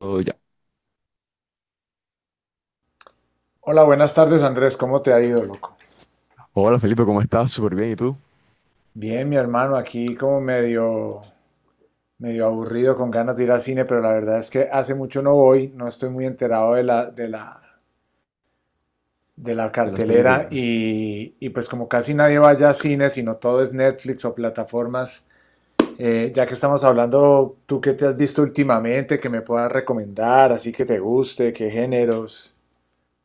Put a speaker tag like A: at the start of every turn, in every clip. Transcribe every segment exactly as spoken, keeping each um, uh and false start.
A: Oh, ya.
B: Hola, buenas tardes Andrés, ¿cómo te ha ido, loco?
A: Hola Felipe, ¿cómo estás? Súper bien. ¿Y tú?
B: Bien, mi hermano, aquí como medio, medio aburrido con ganas de ir al cine, pero la verdad es que hace mucho no voy, no estoy muy enterado de la, de la, de la
A: De las
B: cartelera
A: películas.
B: y, y pues como casi nadie vaya a cine, sino todo es Netflix o plataformas. Eh, ya que estamos hablando, ¿tú qué te has visto últimamente que me puedas recomendar, así que te guste? ¿Qué géneros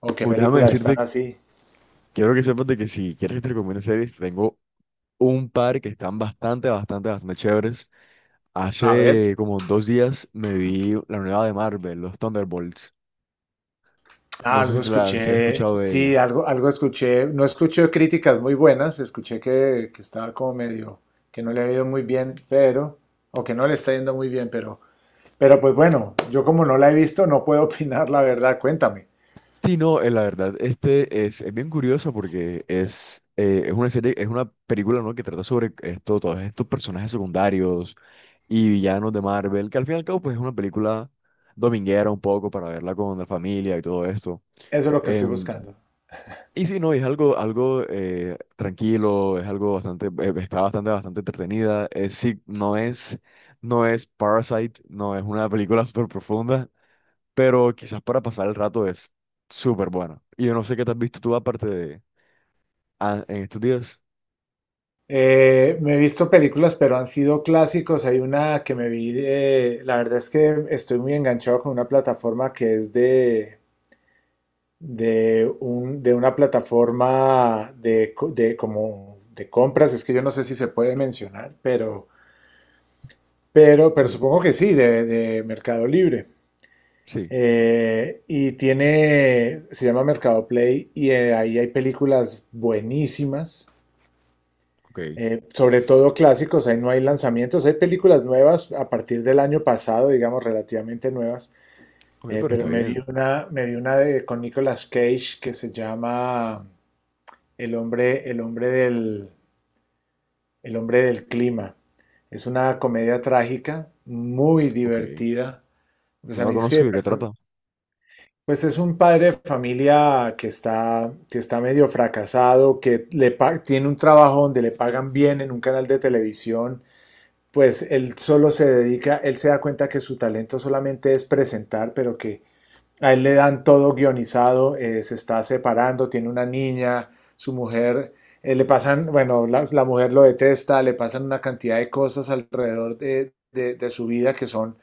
B: o qué
A: Uh, déjame
B: películas
A: decirte,
B: están así?
A: quiero que sepas de que si quieres que te recomiende series, tengo un par que están bastante, bastante, bastante chéveres.
B: A ver.
A: Hace como dos días me vi la nueva de Marvel, los Thunderbolts. No sé
B: Algo
A: si te la si has
B: escuché,
A: escuchado de
B: sí,
A: ella.
B: algo, algo escuché. No escuché críticas muy buenas, escuché que, que estaba como medio, que no le ha ido muy bien, pero, o que no le está yendo muy bien, pero, pero pues bueno, yo como no la he visto, no puedo opinar la verdad, cuéntame.
A: Sí, no, eh, la verdad, este es, es bien curioso porque es, eh, es una serie, es una película, ¿no? Que trata sobre esto, todos estos personajes secundarios y villanos de Marvel, que al fin y al cabo, pues es una película dominguera un poco para verla con la familia y todo esto.
B: Eso es lo que estoy
A: Em,
B: buscando.
A: y sí, no, es algo, algo eh, tranquilo, es algo bastante, eh, está bastante, bastante entretenida. Eh, sí, no es, no es Parasite, no es una película súper profunda, pero quizás para pasar el rato es súper bueno. Y yo no sé qué te has visto tú aparte de ah, en estos días.
B: Eh, me he visto películas, pero han sido clásicos. Hay una que me vi de, la verdad es que estoy muy enganchado con una plataforma que es de, de un, de una plataforma de, co- de como de compras. Es que yo no sé si se puede mencionar, pero, pero, pero
A: Mm,
B: supongo que sí, de, de Mercado Libre.
A: sí,
B: Eh, y tiene, se llama Mercado Play y eh, ahí hay películas buenísimas,
A: ok.
B: eh, sobre todo clásicos. Ahí no hay lanzamientos, hay películas nuevas a partir del año pasado, digamos, relativamente nuevas.
A: Ok,
B: Eh,
A: pero
B: pero
A: está
B: me vi
A: bien.
B: una, me vi una de, con Nicolas Cage, que se llama El hombre, el hombre del, el hombre del clima. Es una comedia trágica, muy
A: Ok.
B: divertida. Pues
A: No
B: a
A: la
B: mí es
A: conozco,
B: que,
A: ¿de qué
B: perso-
A: trata?
B: pues es un padre de familia que está, que está medio fracasado, que le pa- tiene un trabajo donde le pagan bien en un canal de televisión. Pues él solo se dedica, él se da cuenta que su talento solamente es presentar, pero que a él le dan todo guionizado. Eh, se está separando, tiene una niña, su mujer, eh, le pasan, bueno, la, la mujer lo detesta, le pasan una cantidad de cosas alrededor de, de, de su vida que son,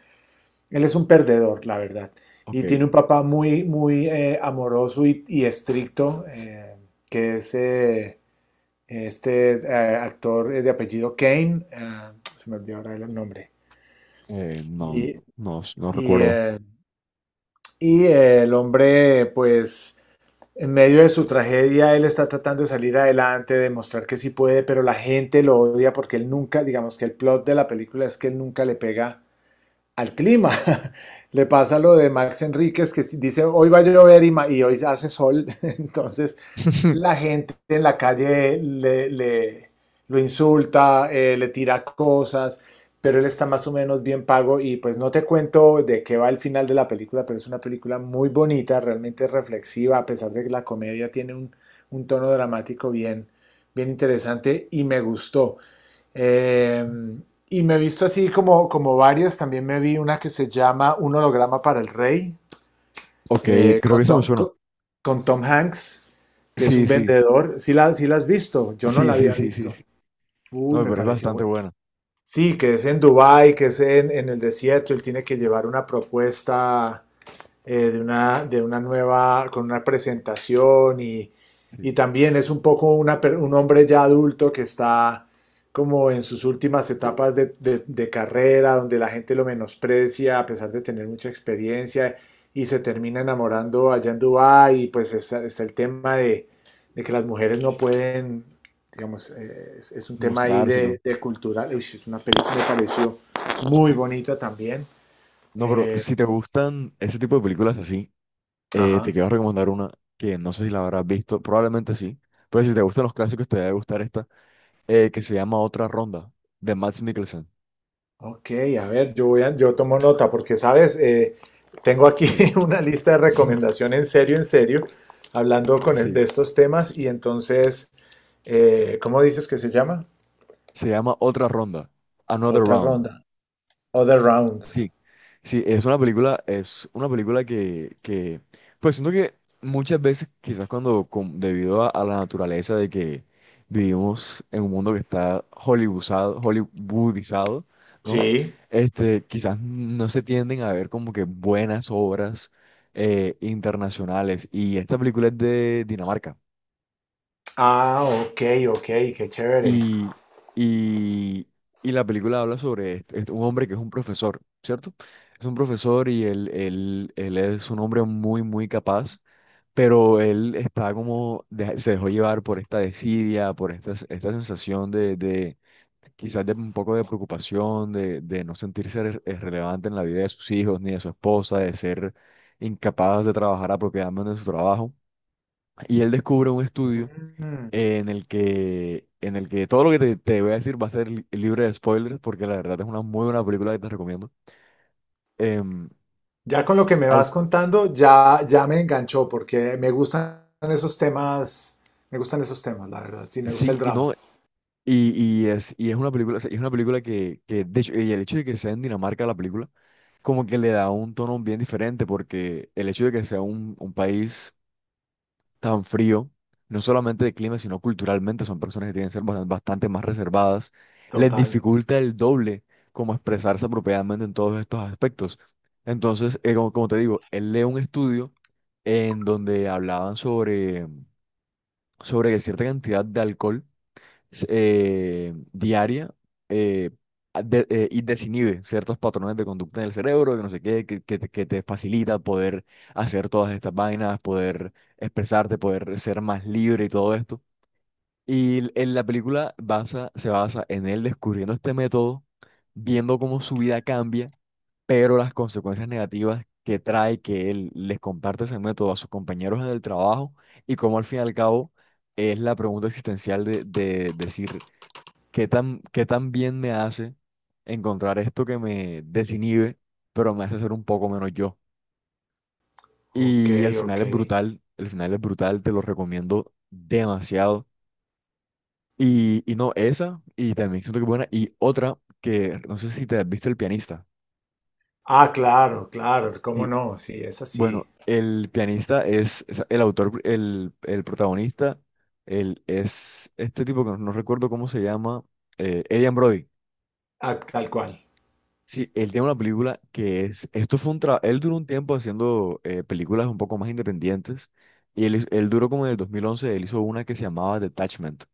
B: él es un perdedor, la verdad. Y
A: Ok.
B: tiene un papá muy, muy eh, amoroso y, y estricto, eh, que es eh, este eh, actor eh, de apellido Kane, ah, se me olvidó ahora el nombre.
A: Eh, no,
B: Y,
A: no, no
B: y,
A: recuerdo.
B: eh, y, eh, el hombre, pues, en medio de su tragedia, él está tratando de salir adelante, de mostrar que sí puede, pero la gente lo odia porque él nunca, digamos que el plot de la película es que él nunca le pega al clima. Le pasa lo de Max Enríquez, que dice hoy va a llover y, y hoy hace sol. Entonces la gente en la calle le, le- lo insulta, eh, le tira cosas, pero él está más o menos bien pago y pues no te cuento de qué va el final de la película, pero es una película muy bonita, realmente reflexiva, a pesar de que la comedia tiene un, un tono dramático bien, bien interesante y me gustó. Eh, y me he visto así como, como varias. También me vi una que se llama Un holograma para el rey,
A: Ok,
B: eh,
A: creo
B: con
A: que eso me
B: Tom,
A: suena.
B: co- con Tom Hanks, que es
A: Sí,
B: un
A: sí,
B: vendedor. Sí la, sí la has visto, yo no
A: sí,
B: la
A: sí,
B: había
A: sí, sí,
B: visto.
A: sí.
B: Uy,
A: No,
B: me
A: pero es
B: pareció
A: bastante
B: bueno.
A: buena.
B: Sí, que es en Dubái, que es en, en el desierto. Él tiene que llevar una propuesta eh, de, una, de una nueva, con una presentación. Y
A: Sí.
B: y también es un poco una un hombre ya adulto que está como en sus últimas etapas de, de- de carrera, donde la gente lo menosprecia a pesar de tener mucha experiencia, y se termina enamorando allá en Dubái. Y pues está, está el tema de, de que las mujeres no pueden, digamos, eh, es, es un tema ahí
A: Mostrarse y todo.
B: de, de cultural. Uy, es una película que me pareció muy
A: Sí.
B: bonita también.
A: No, pero
B: Eh,
A: si te gustan ese tipo de películas así, eh, te
B: ajá.
A: quiero recomendar una que no sé si la habrás visto, probablemente sí. Pero si te gustan los clásicos, te debe gustar esta. Eh, que se llama Otra Ronda, de Mads Mikkelsen.
B: Ok, a ver, yo voy a- yo tomo nota porque, sabes, Eh, tengo aquí
A: Sí.
B: una lista de recomendación, en serio, en serio, hablando con e-
A: Sí.
B: de estos temas. Y entonces, eh, ¿cómo dices que se llama?
A: Se llama Otra Ronda, Another
B: Otra
A: Round.
B: ronda, other round.
A: Sí. Sí, es una película, es una película que, que pues siento que muchas veces, quizás cuando, con- debido a, a la naturaleza de que vivimos en un mundo que está hollywoodizado, hollywoodizado, ¿no?
B: Sí.
A: Este, quizás no se tienden a ver como que buenas obras eh, internacionales. Y esta película es de Dinamarca.
B: Ah, ok, ok, qué chévere.
A: Y, y, y la película habla sobre est- est- un hombre que es un profesor, ¿cierto? Es un profesor y él, él, él es un hombre muy, muy capaz, pero él está como, de- se dejó llevar por esta desidia, por esta, esta sensación de, de quizás de un poco de preocupación, de, de no sentirse re- eh, relevante en la vida de sus hijos ni de su esposa, de ser incapaz de trabajar apropiadamente en su trabajo. Y él descubre un estudio
B: Mm.
A: en el que, en el que todo lo que te, te voy a decir va a ser li- libre de spoilers, porque la verdad es una muy buena película que te recomiendo. Em,
B: Ya con lo que me
A: al,
B: vas contando, ya, ya me enganchó porque me gustan esos temas, me gustan esos temas, la verdad. Sí, me gusta el
A: sí y
B: drama.
A: no, y, y es, y es una película, o sea, es una película que, que, de hecho, y el hecho de que sea en Dinamarca la película, como que le da un tono bien diferente, porque el hecho de que sea un, un país tan frío, no solamente de clima, sino culturalmente, son personas que tienen que ser bastan- bastante, más reservadas, les
B: Total.
A: dificulta el doble como expresarse apropiadamente en todos estos aspectos. Entonces, eh, como, como te digo, él lee un estudio en donde hablaban sobre, sobre cierta cantidad de alcohol eh, diaria eh, de- eh, y desinhibe ciertos patrones de conducta en el cerebro, que no sé qué, que, que te que te facilita poder hacer todas estas vainas, poder expresarte, poder ser más libre y todo esto. Y l- en la película basa, se basa en él descubriendo este método, viendo cómo su vida cambia, pero las consecuencias negativas que trae que él les comparte ese método a sus compañeros en el trabajo y cómo al fin y al cabo es la pregunta existencial de, de decir, ¿qué tan, qué tan bien me hace encontrar esto que me desinhibe, pero me hace ser un poco menos yo?
B: Ok,
A: Y el final
B: ok.
A: es brutal, el final es brutal, te lo recomiendo demasiado. Y, y no, esa, Y también siento que buena, y otra que no sé si te has visto El Pianista.
B: Ah, claro, claro, cómo
A: Sí.
B: no, sí, es así,
A: Bueno, El Pianista es, es el autor, el, el protagonista, él es este tipo que no, no recuerdo cómo se llama, eh, Adrien Brody.
B: ah, tal cual.
A: Sí, él tiene una película que es, esto fue un trabajo, él duró un tiempo haciendo eh, películas un poco más independientes y él, hiz- él duró como en el dos mil once, él hizo una que se llamaba Detachment,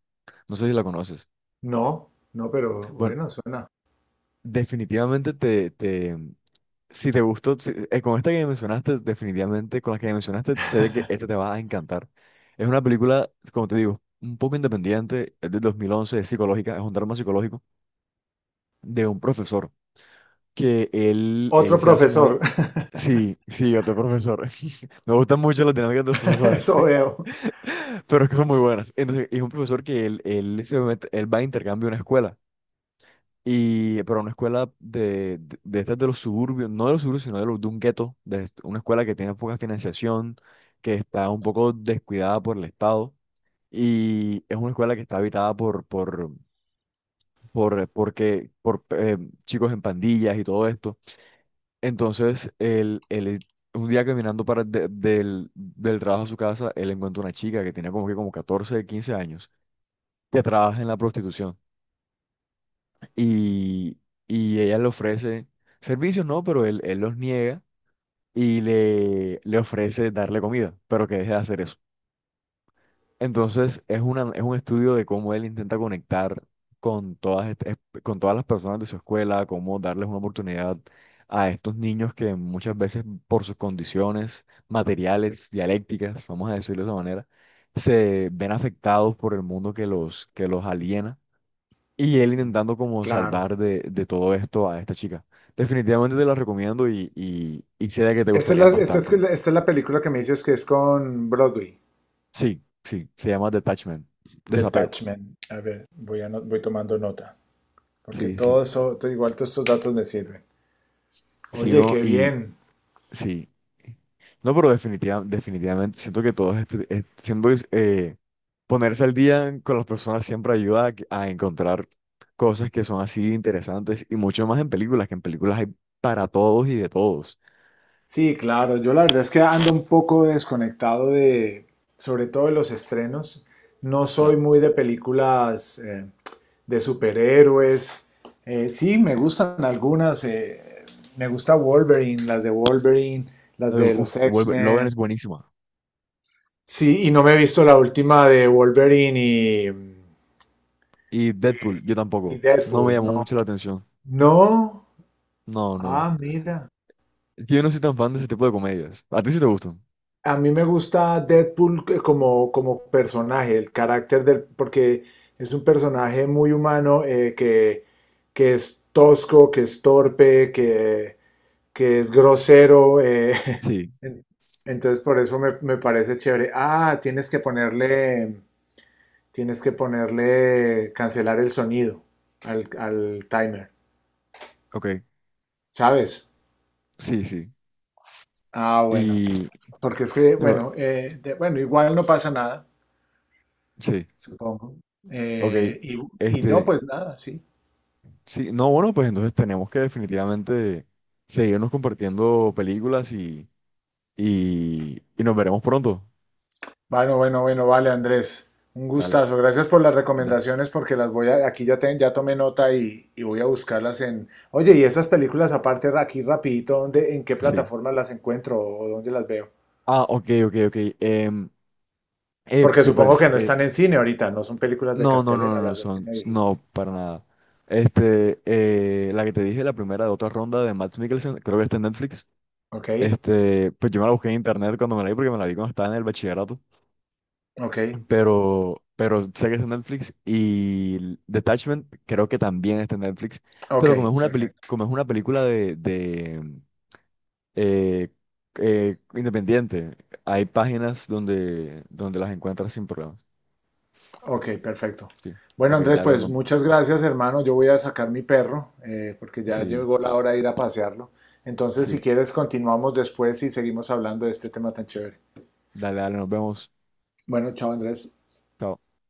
A: no sé si la conoces.
B: No, no, pero
A: Bueno,
B: bueno, suena.
A: definitivamente te, te si te gustó, si- eh, con esta que me mencionaste, definitivamente con la que me mencionaste, sé de que esta te va a encantar. Es una película, como te digo, un poco independiente, es del dos mil once, es psicológica, es un drama psicológico de un profesor. Que él, él
B: Otro
A: se hace
B: profesor,
A: muy... Sí, sí, otro profesor. Me gustan mucho las dinámicas de los profesores,
B: eso veo,
A: pero es que son muy buenas. Entonces, es un profesor que él, él, se mete- él va a intercambio a una escuela, y, pero una escuela de, de, de estas de los suburbios, no de los suburbios, sino de, los, de un gueto, de est- una escuela que tiene poca financiación, que está un poco descuidada por el Estado, y es una escuela que está habitada por, por, por, eh, porque, por eh, chicos en pandillas y todo esto. Entonces, él, él, un día caminando para de- del, del trabajo a su casa, él encuentra una chica que tenía como que como catorce quince años, que trabaja en la prostitución. Y, y ella le ofrece servicios, no, pero él, él los niega y le, le ofrece darle comida, pero que deje de hacer eso. Entonces es una, es un estudio de cómo él intenta conectar con todas, est- esp- con todas las personas de su escuela, cómo darles una oportunidad a estos niños que muchas veces por sus condiciones materiales, dialécticas, vamos a decirlo de esa manera, se ven afectados por el mundo que los, que los aliena. Y él intentando como
B: claro.
A: salvar de, de todo esto a esta chica. Definitivamente te la recomiendo y, y, y sé de que te
B: Esta es la,
A: gustarían
B: esta es,
A: bastante.
B: la- esta es la película que me dices que es con Broadway,
A: Sí, sí, se llama Detachment, desapego.
B: Detachment. A ver, voy, ano- voy tomando nota, porque
A: Sí, sí.
B: todo eso, todo- igual todos estos datos me sirven.
A: Sí,
B: Oye,
A: no,
B: qué
A: y
B: bien.
A: sí. No, pero definitiva- definitivamente siento que todo es, es- siento que es, eh, ponerse al día con las personas siempre ayuda a, que- a encontrar cosas que son así interesantes y mucho más en películas, que en películas hay para todos y de todos.
B: Sí, claro. Yo la verdad es que ando un poco desconectado de, sobre todo de los estrenos. No soy
A: Claro.
B: muy de películas eh, de superhéroes. Eh, sí, me gustan algunas. Eh, me gusta Wolverine, las de Wolverine, las
A: Eh,
B: de los
A: uf, vuelve- Logan es
B: X-Men.
A: buenísima.
B: Sí, y no me he visto la última de Wolverine, y,
A: Y
B: y,
A: Deadpool, yo
B: y
A: tampoco. No me
B: Deadpool.
A: llamó
B: No.
A: mucho la atención.
B: No.
A: No, no.
B: Ah, mira.
A: Es que yo no soy tan fan de ese tipo de comedias. ¿A ti sí te gustan?
B: A mí me gusta Deadpool que- como, como personaje, el carácter del, porque es un personaje muy humano eh, que, que es tosco, que es torpe, que, que es grosero. eh,
A: Sí,
B: en- Entonces por eso me, me parece chévere. Ah, tienes que ponerle, tienes que ponerle, cancelar el sonido al, al timer,
A: ok.
B: ¿sabes?
A: Sí, sí.
B: Ah, bueno,
A: Y
B: porque es que,
A: digo,
B: bueno, eh, de- bueno, igual no pasa nada,
A: sí.
B: supongo.
A: Ok,
B: Eh, y, y no,
A: este,
B: pues nada, sí.
A: sí, no, bueno, pues entonces tenemos que definitivamente seguirnos compartiendo películas y, y, y nos veremos pronto.
B: Bueno, bueno, bueno, vale, Andrés. Un
A: Dale,
B: gustazo. Gracias por las
A: ¿verdad?
B: recomendaciones, porque las voy a, aquí ya, te- ya tomé nota y, y voy a buscarlas en... Oye, y esas películas aparte aquí rapidito, ¿dónde, en qué
A: Sí.
B: plataforma las encuentro o dónde las veo?
A: Ah, ok, ok, ok. Em, eh,
B: Porque
A: sí,
B: supongo
A: pues,
B: que no
A: eh,
B: están en cine ahorita, no son películas de
A: no, no, no,
B: cartelera,
A: no, no,
B: las dos que
A: son,
B: me dijiste.
A: no, para nada. Este, eh, la que te dije, la primera de otra ronda de Mads Mikkelsen, creo que está en Netflix.
B: Ok,
A: Este, pues yo me la busqué en internet cuando me la vi porque me la vi cuando estaba en el bachillerato.
B: ok,
A: pero, pero sé que está en Netflix y Detachment creo que también está en Netflix,
B: ok,
A: pero como es una peli-
B: perfecto.
A: como es una película de, de, eh, eh, independiente, hay páginas donde, donde las encuentras sin problemas.
B: Ok, perfecto.
A: Sí,
B: Bueno,
A: ok,
B: Andrés,
A: dale,
B: pues
A: no,
B: muchas gracias, hermano. Yo voy a sacar mi perro eh, porque ya
A: sí,
B: llegó la hora de ir a pasearlo. Entonces, si
A: sí,
B: quieres, continuamos después y seguimos hablando de este tema tan chévere.
A: dale, dale, nos vemos.
B: Bueno, chao, Andrés.
A: Chao.